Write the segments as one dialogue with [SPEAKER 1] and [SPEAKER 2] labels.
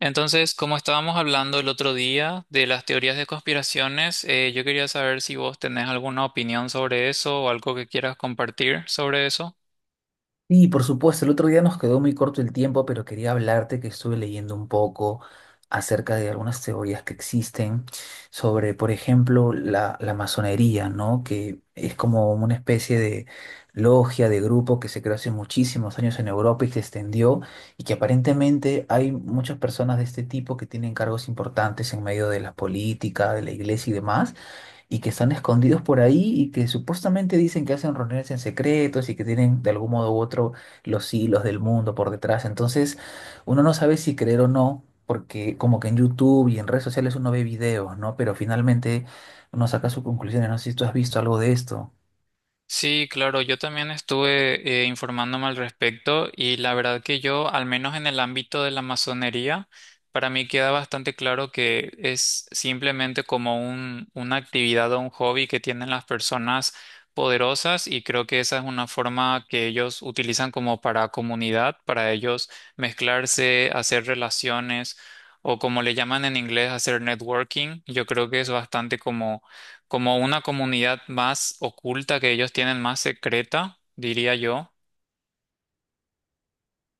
[SPEAKER 1] Entonces, como estábamos hablando el otro día de las teorías de conspiraciones, yo quería saber si vos tenés alguna opinión sobre eso o algo que quieras compartir sobre eso.
[SPEAKER 2] Sí, por supuesto, el otro día nos quedó muy corto el tiempo, pero quería hablarte que estuve leyendo un poco acerca de algunas teorías que existen sobre, por ejemplo, la masonería, ¿no? Que es como una especie de logia, de grupo que se creó hace muchísimos años en Europa y se extendió y que aparentemente hay muchas personas de este tipo que tienen cargos importantes en medio de la política, de la iglesia y demás y que están escondidos por ahí y que supuestamente dicen que hacen reuniones en secretos y que tienen de algún modo u otro los hilos del mundo por detrás. Entonces, uno no sabe si creer o no, porque como que en YouTube y en redes sociales uno ve videos, ¿no? Pero finalmente uno saca sus conclusiones. No sé si tú has visto algo de esto.
[SPEAKER 1] Sí, claro, yo también estuve informándome al respecto, y la verdad que yo, al menos en el ámbito de la masonería, para mí queda bastante claro que es simplemente como una actividad o un hobby que tienen las personas poderosas. Y creo que esa es una forma que ellos utilizan como para comunidad, para ellos mezclarse, hacer relaciones, o como le llaman en inglés, hacer networking. Yo creo que es bastante como como una comunidad más oculta que ellos tienen, más secreta, diría yo.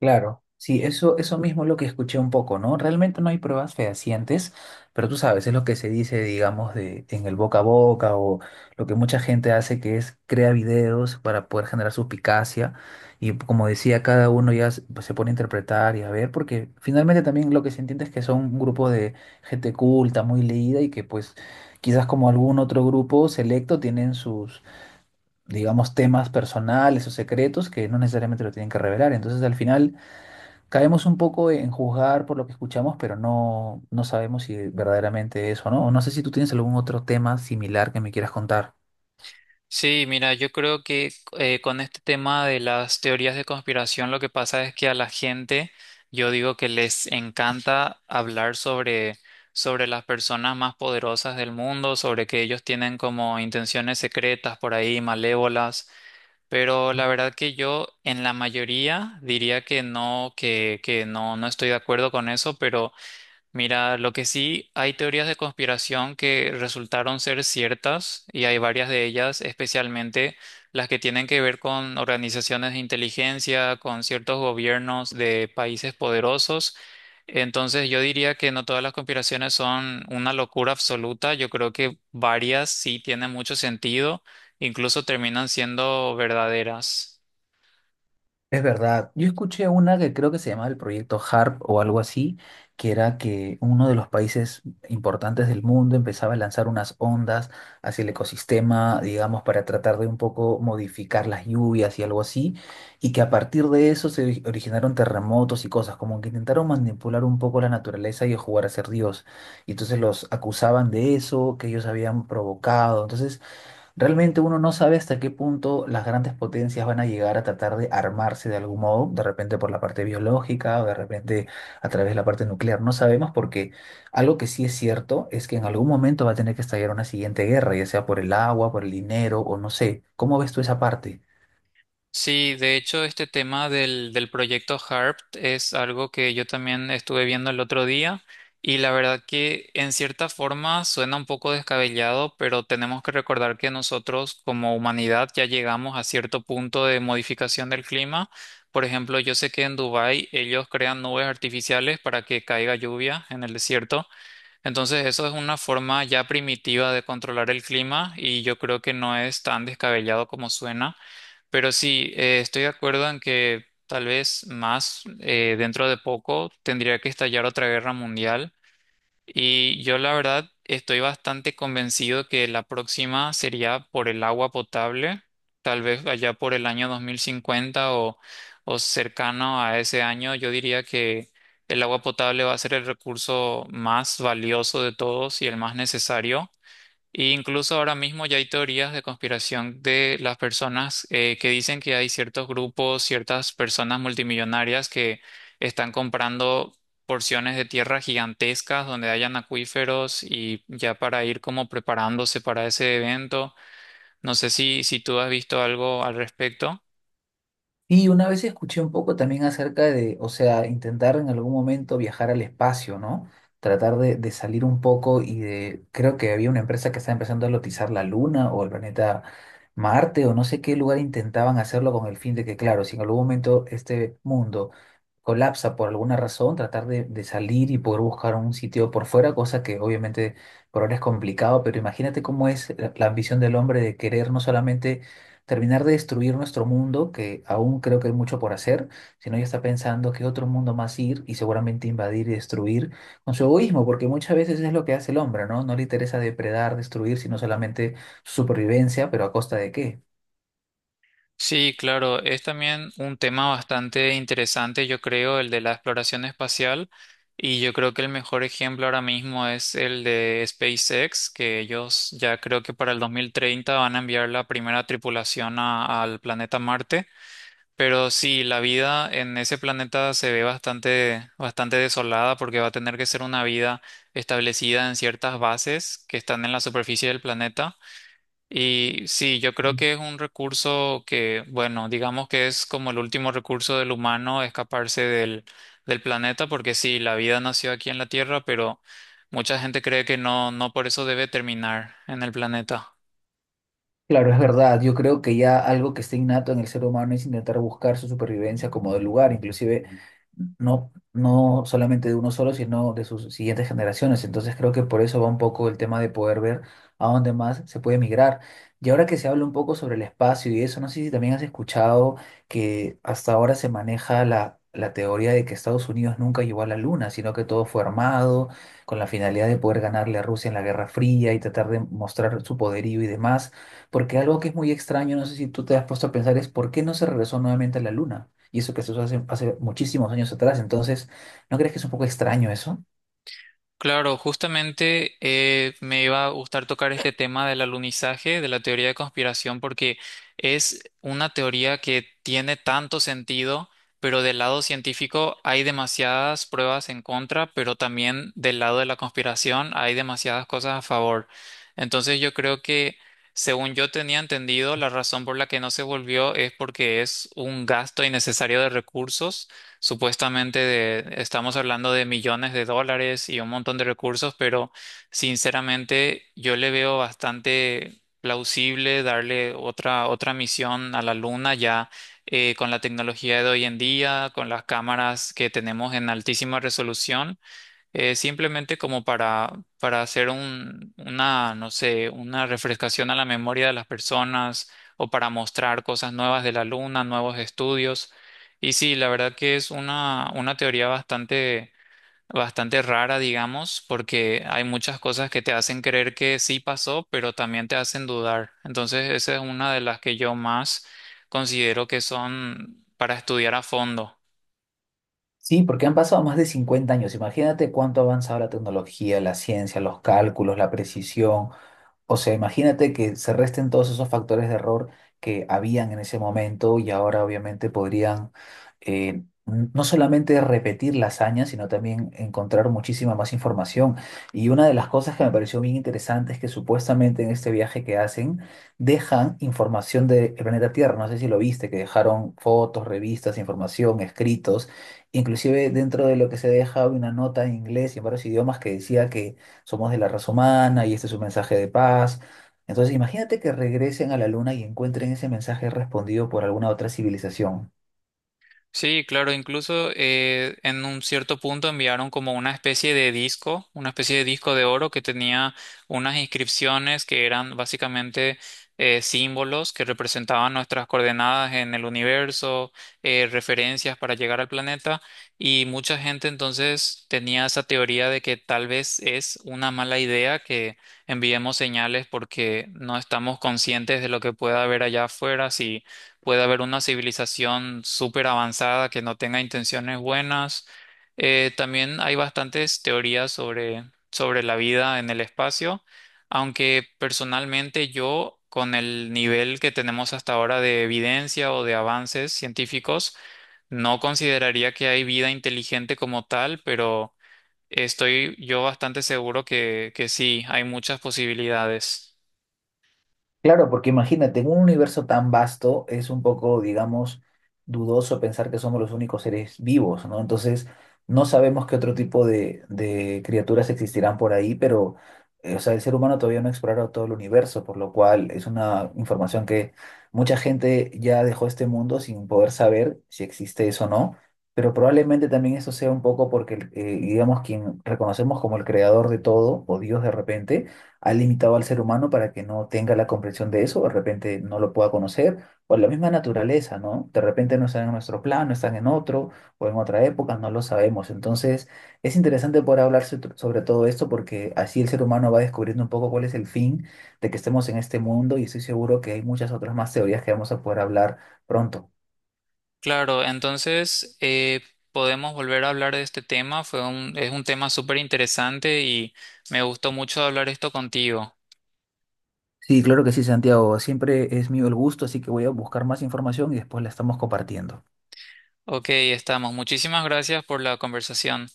[SPEAKER 2] Claro, sí, eso mismo es lo que escuché un poco, ¿no? Realmente no hay pruebas fehacientes, pero tú sabes, es lo que se dice, digamos, de, en el boca a boca o lo que mucha gente hace que es crea videos para poder generar suspicacia y como decía, cada uno ya se pues, se pone a interpretar y a ver, porque finalmente también lo que se entiende es que son un grupo de gente culta, muy leída y que pues quizás como algún otro grupo selecto tienen sus, digamos, temas personales o secretos que no necesariamente lo tienen que revelar. Entonces al final caemos un poco en juzgar por lo que escuchamos, pero no sabemos si verdaderamente es o no. No sé si tú tienes algún otro tema similar que me quieras contar.
[SPEAKER 1] Sí, mira, yo creo que con este tema de las teorías de conspiración, lo que pasa es que a la gente, yo digo que les encanta hablar sobre, sobre las personas más poderosas del mundo, sobre que ellos tienen como intenciones secretas por ahí, malévolas. Pero la verdad que yo en la mayoría diría que no, que, no estoy de acuerdo con eso. Pero mira, lo que sí, hay teorías de conspiración que resultaron ser ciertas, y hay varias de ellas, especialmente las que tienen que ver con organizaciones de inteligencia, con ciertos gobiernos de países poderosos. Entonces yo diría que no todas las conspiraciones son una locura absoluta. Yo creo que varias sí tienen mucho sentido, incluso terminan siendo verdaderas.
[SPEAKER 2] Es verdad, yo escuché una que creo que se llamaba el proyecto HARP o algo así, que era que uno de los países importantes del mundo empezaba a lanzar unas ondas hacia el ecosistema, digamos, para tratar de un poco modificar las lluvias y algo así, y que a partir de eso originaron terremotos y cosas, como que intentaron manipular un poco la naturaleza y jugar a ser Dios. Y entonces los acusaban de eso, que ellos habían provocado. Entonces... Realmente uno no sabe hasta qué punto las grandes potencias van a llegar a tratar de armarse de algún modo, de repente por la parte biológica o de repente a través de la parte nuclear. No sabemos porque algo que sí es cierto es que en algún momento va a tener que estallar una siguiente guerra, ya sea por el agua, por el dinero o no sé. ¿Cómo ves tú esa parte?
[SPEAKER 1] Sí, de hecho, este tema del proyecto HARP es algo que yo también estuve viendo el otro día, y la verdad que en cierta forma suena un poco descabellado, pero tenemos que recordar que nosotros como humanidad ya llegamos a cierto punto de modificación del clima. Por ejemplo, yo sé que en Dubái ellos crean nubes artificiales para que caiga lluvia en el desierto. Entonces, eso es una forma ya primitiva de controlar el clima, y yo creo que no es tan descabellado como suena. Pero sí, estoy de acuerdo en que tal vez más dentro de poco tendría que estallar otra guerra mundial. Y yo la verdad estoy bastante convencido que la próxima sería por el agua potable, tal vez allá por el año 2050 o cercano a ese año. Yo diría que el agua potable va a ser el recurso más valioso de todos y el más necesario. E incluso ahora mismo ya hay teorías de conspiración de las personas que dicen que hay ciertos grupos, ciertas personas multimillonarias que están comprando porciones de tierra gigantescas donde hayan acuíferos, y ya para ir como preparándose para ese evento. No sé si, si tú has visto algo al respecto.
[SPEAKER 2] Y una vez escuché un poco también acerca de, o sea, intentar en algún momento viajar al espacio, ¿no? Tratar de salir un poco y de, creo que había una empresa que estaba empezando a lotizar la Luna o el planeta Marte o no sé qué lugar intentaban hacerlo con el fin de que, claro, si en algún momento este mundo colapsa por alguna razón, tratar de salir y poder buscar un sitio por fuera, cosa que obviamente por ahora es complicado, pero imagínate cómo es la ambición del hombre de querer no solamente terminar de destruir nuestro mundo, que aún creo que hay mucho por hacer, sino ya está pensando qué otro mundo más ir y seguramente invadir y destruir con su egoísmo, porque muchas veces es lo que hace el hombre, ¿no? No le interesa depredar, destruir, sino solamente su supervivencia, pero ¿a costa de qué?
[SPEAKER 1] Sí, claro, es también un tema bastante interesante, yo creo, el de la exploración espacial. Y yo creo que el mejor ejemplo ahora mismo es el de SpaceX, que ellos ya creo que para el 2030 van a enviar la primera tripulación al planeta Marte. Pero sí, la vida en ese planeta se ve bastante, bastante desolada, porque va a tener que ser una vida establecida en ciertas bases que están en la superficie del planeta. Y sí, yo creo que es un recurso que, bueno, digamos que es como el último recurso del humano, escaparse del planeta, porque sí, la vida nació aquí en la Tierra, pero mucha gente cree que no, no por eso debe terminar en el planeta.
[SPEAKER 2] Claro, es verdad. Yo creo que ya algo que está innato en el ser humano es intentar buscar su supervivencia como del lugar, inclusive no solamente de uno solo, sino de sus siguientes generaciones. Entonces creo que por eso va un poco el tema de poder ver a dónde más se puede migrar. Y ahora que se habla un poco sobre el espacio y eso, no sé si también has escuchado que hasta ahora se maneja la teoría de que Estados Unidos nunca llegó a la Luna, sino que todo fue armado con la finalidad de poder ganarle a Rusia en la Guerra Fría y tratar de mostrar su poderío y demás. Porque algo que es muy extraño, no sé si tú te has puesto a pensar, es por qué no se regresó nuevamente a la Luna. Y eso que se hizo hace muchísimos años atrás. Entonces, ¿no crees que es un poco extraño eso?
[SPEAKER 1] Claro, justamente me iba a gustar tocar este tema del alunizaje, de la teoría de conspiración, porque es una teoría que tiene tanto sentido, pero del lado científico hay demasiadas pruebas en contra, pero también del lado de la conspiración hay demasiadas cosas a favor. Entonces yo creo que, según yo tenía entendido, la razón por la que no se volvió es porque es un gasto innecesario de recursos. Supuestamente estamos hablando de millones de dólares y un montón de recursos, pero sinceramente yo le veo bastante plausible darle otra, otra misión a la Luna ya, con la tecnología de hoy en día, con las cámaras que tenemos en altísima resolución, simplemente como para hacer una, no sé, una refrescación a la memoria de las personas, o para mostrar cosas nuevas de la luna, nuevos estudios. Y sí, la verdad que es una teoría bastante, bastante rara, digamos, porque hay muchas cosas que te hacen creer que sí pasó, pero también te hacen dudar. Entonces, esa es una de las que yo más considero que son para estudiar a fondo.
[SPEAKER 2] Sí, porque han pasado más de 50 años. Imagínate cuánto ha avanzado la tecnología, la ciencia, los cálculos, la precisión. O sea, imagínate que se resten todos esos factores de error que habían en ese momento y ahora obviamente podrían no solamente repetir la hazaña, sino también encontrar muchísima más información. Y una de las cosas que me pareció bien interesante es que supuestamente en este viaje que hacen dejan información del planeta Tierra. No sé si lo viste, que dejaron fotos, revistas, información, escritos. Inclusive dentro de lo que se deja había una nota en inglés y en varios idiomas que decía que somos de la raza humana y este es un mensaje de paz. Entonces imagínate que regresen a la luna y encuentren ese mensaje respondido por alguna otra civilización.
[SPEAKER 1] Sí, claro, incluso en un cierto punto enviaron como una especie de disco, una especie de disco de oro que tenía unas inscripciones que eran básicamente símbolos que representaban nuestras coordenadas en el universo, referencias para llegar al planeta, y mucha gente entonces tenía esa teoría de que tal vez es una mala idea que enviemos señales, porque no estamos conscientes de lo que pueda haber allá afuera, si puede haber una civilización súper avanzada que no tenga intenciones buenas. También hay bastantes teorías sobre, sobre la vida en el espacio, aunque personalmente yo, con el nivel que tenemos hasta ahora de evidencia o de avances científicos, no consideraría que hay vida inteligente como tal, pero estoy yo bastante seguro que sí, hay muchas posibilidades.
[SPEAKER 2] Claro, porque imagínate, en un universo tan vasto es un poco, digamos, dudoso pensar que somos los únicos seres vivos, ¿no? Entonces, no sabemos qué otro tipo de criaturas existirán por ahí, pero, o sea, el ser humano todavía no ha explorado todo el universo, por lo cual es una información que mucha gente ya dejó este mundo sin poder saber si existe eso o no, pero probablemente también eso sea un poco porque, digamos, quien reconocemos como el creador de todo, o Dios de repente, ha limitado al ser humano para que no tenga la comprensión de eso, de repente no lo pueda conocer, o la misma naturaleza, ¿no? De repente no están en nuestro plano, están en otro, o en otra época, no lo sabemos. Entonces, es interesante poder hablar sobre todo esto porque así el ser humano va descubriendo un poco cuál es el fin de que estemos en este mundo y estoy seguro que hay muchas otras más teorías que vamos a poder hablar pronto.
[SPEAKER 1] Claro, entonces podemos volver a hablar de este tema. Es un tema súper interesante y me gustó mucho hablar esto contigo.
[SPEAKER 2] Sí, claro que sí, Santiago. Siempre es mío el gusto, así que voy a buscar más información y después la estamos compartiendo.
[SPEAKER 1] Ok, estamos. Muchísimas gracias por la conversación.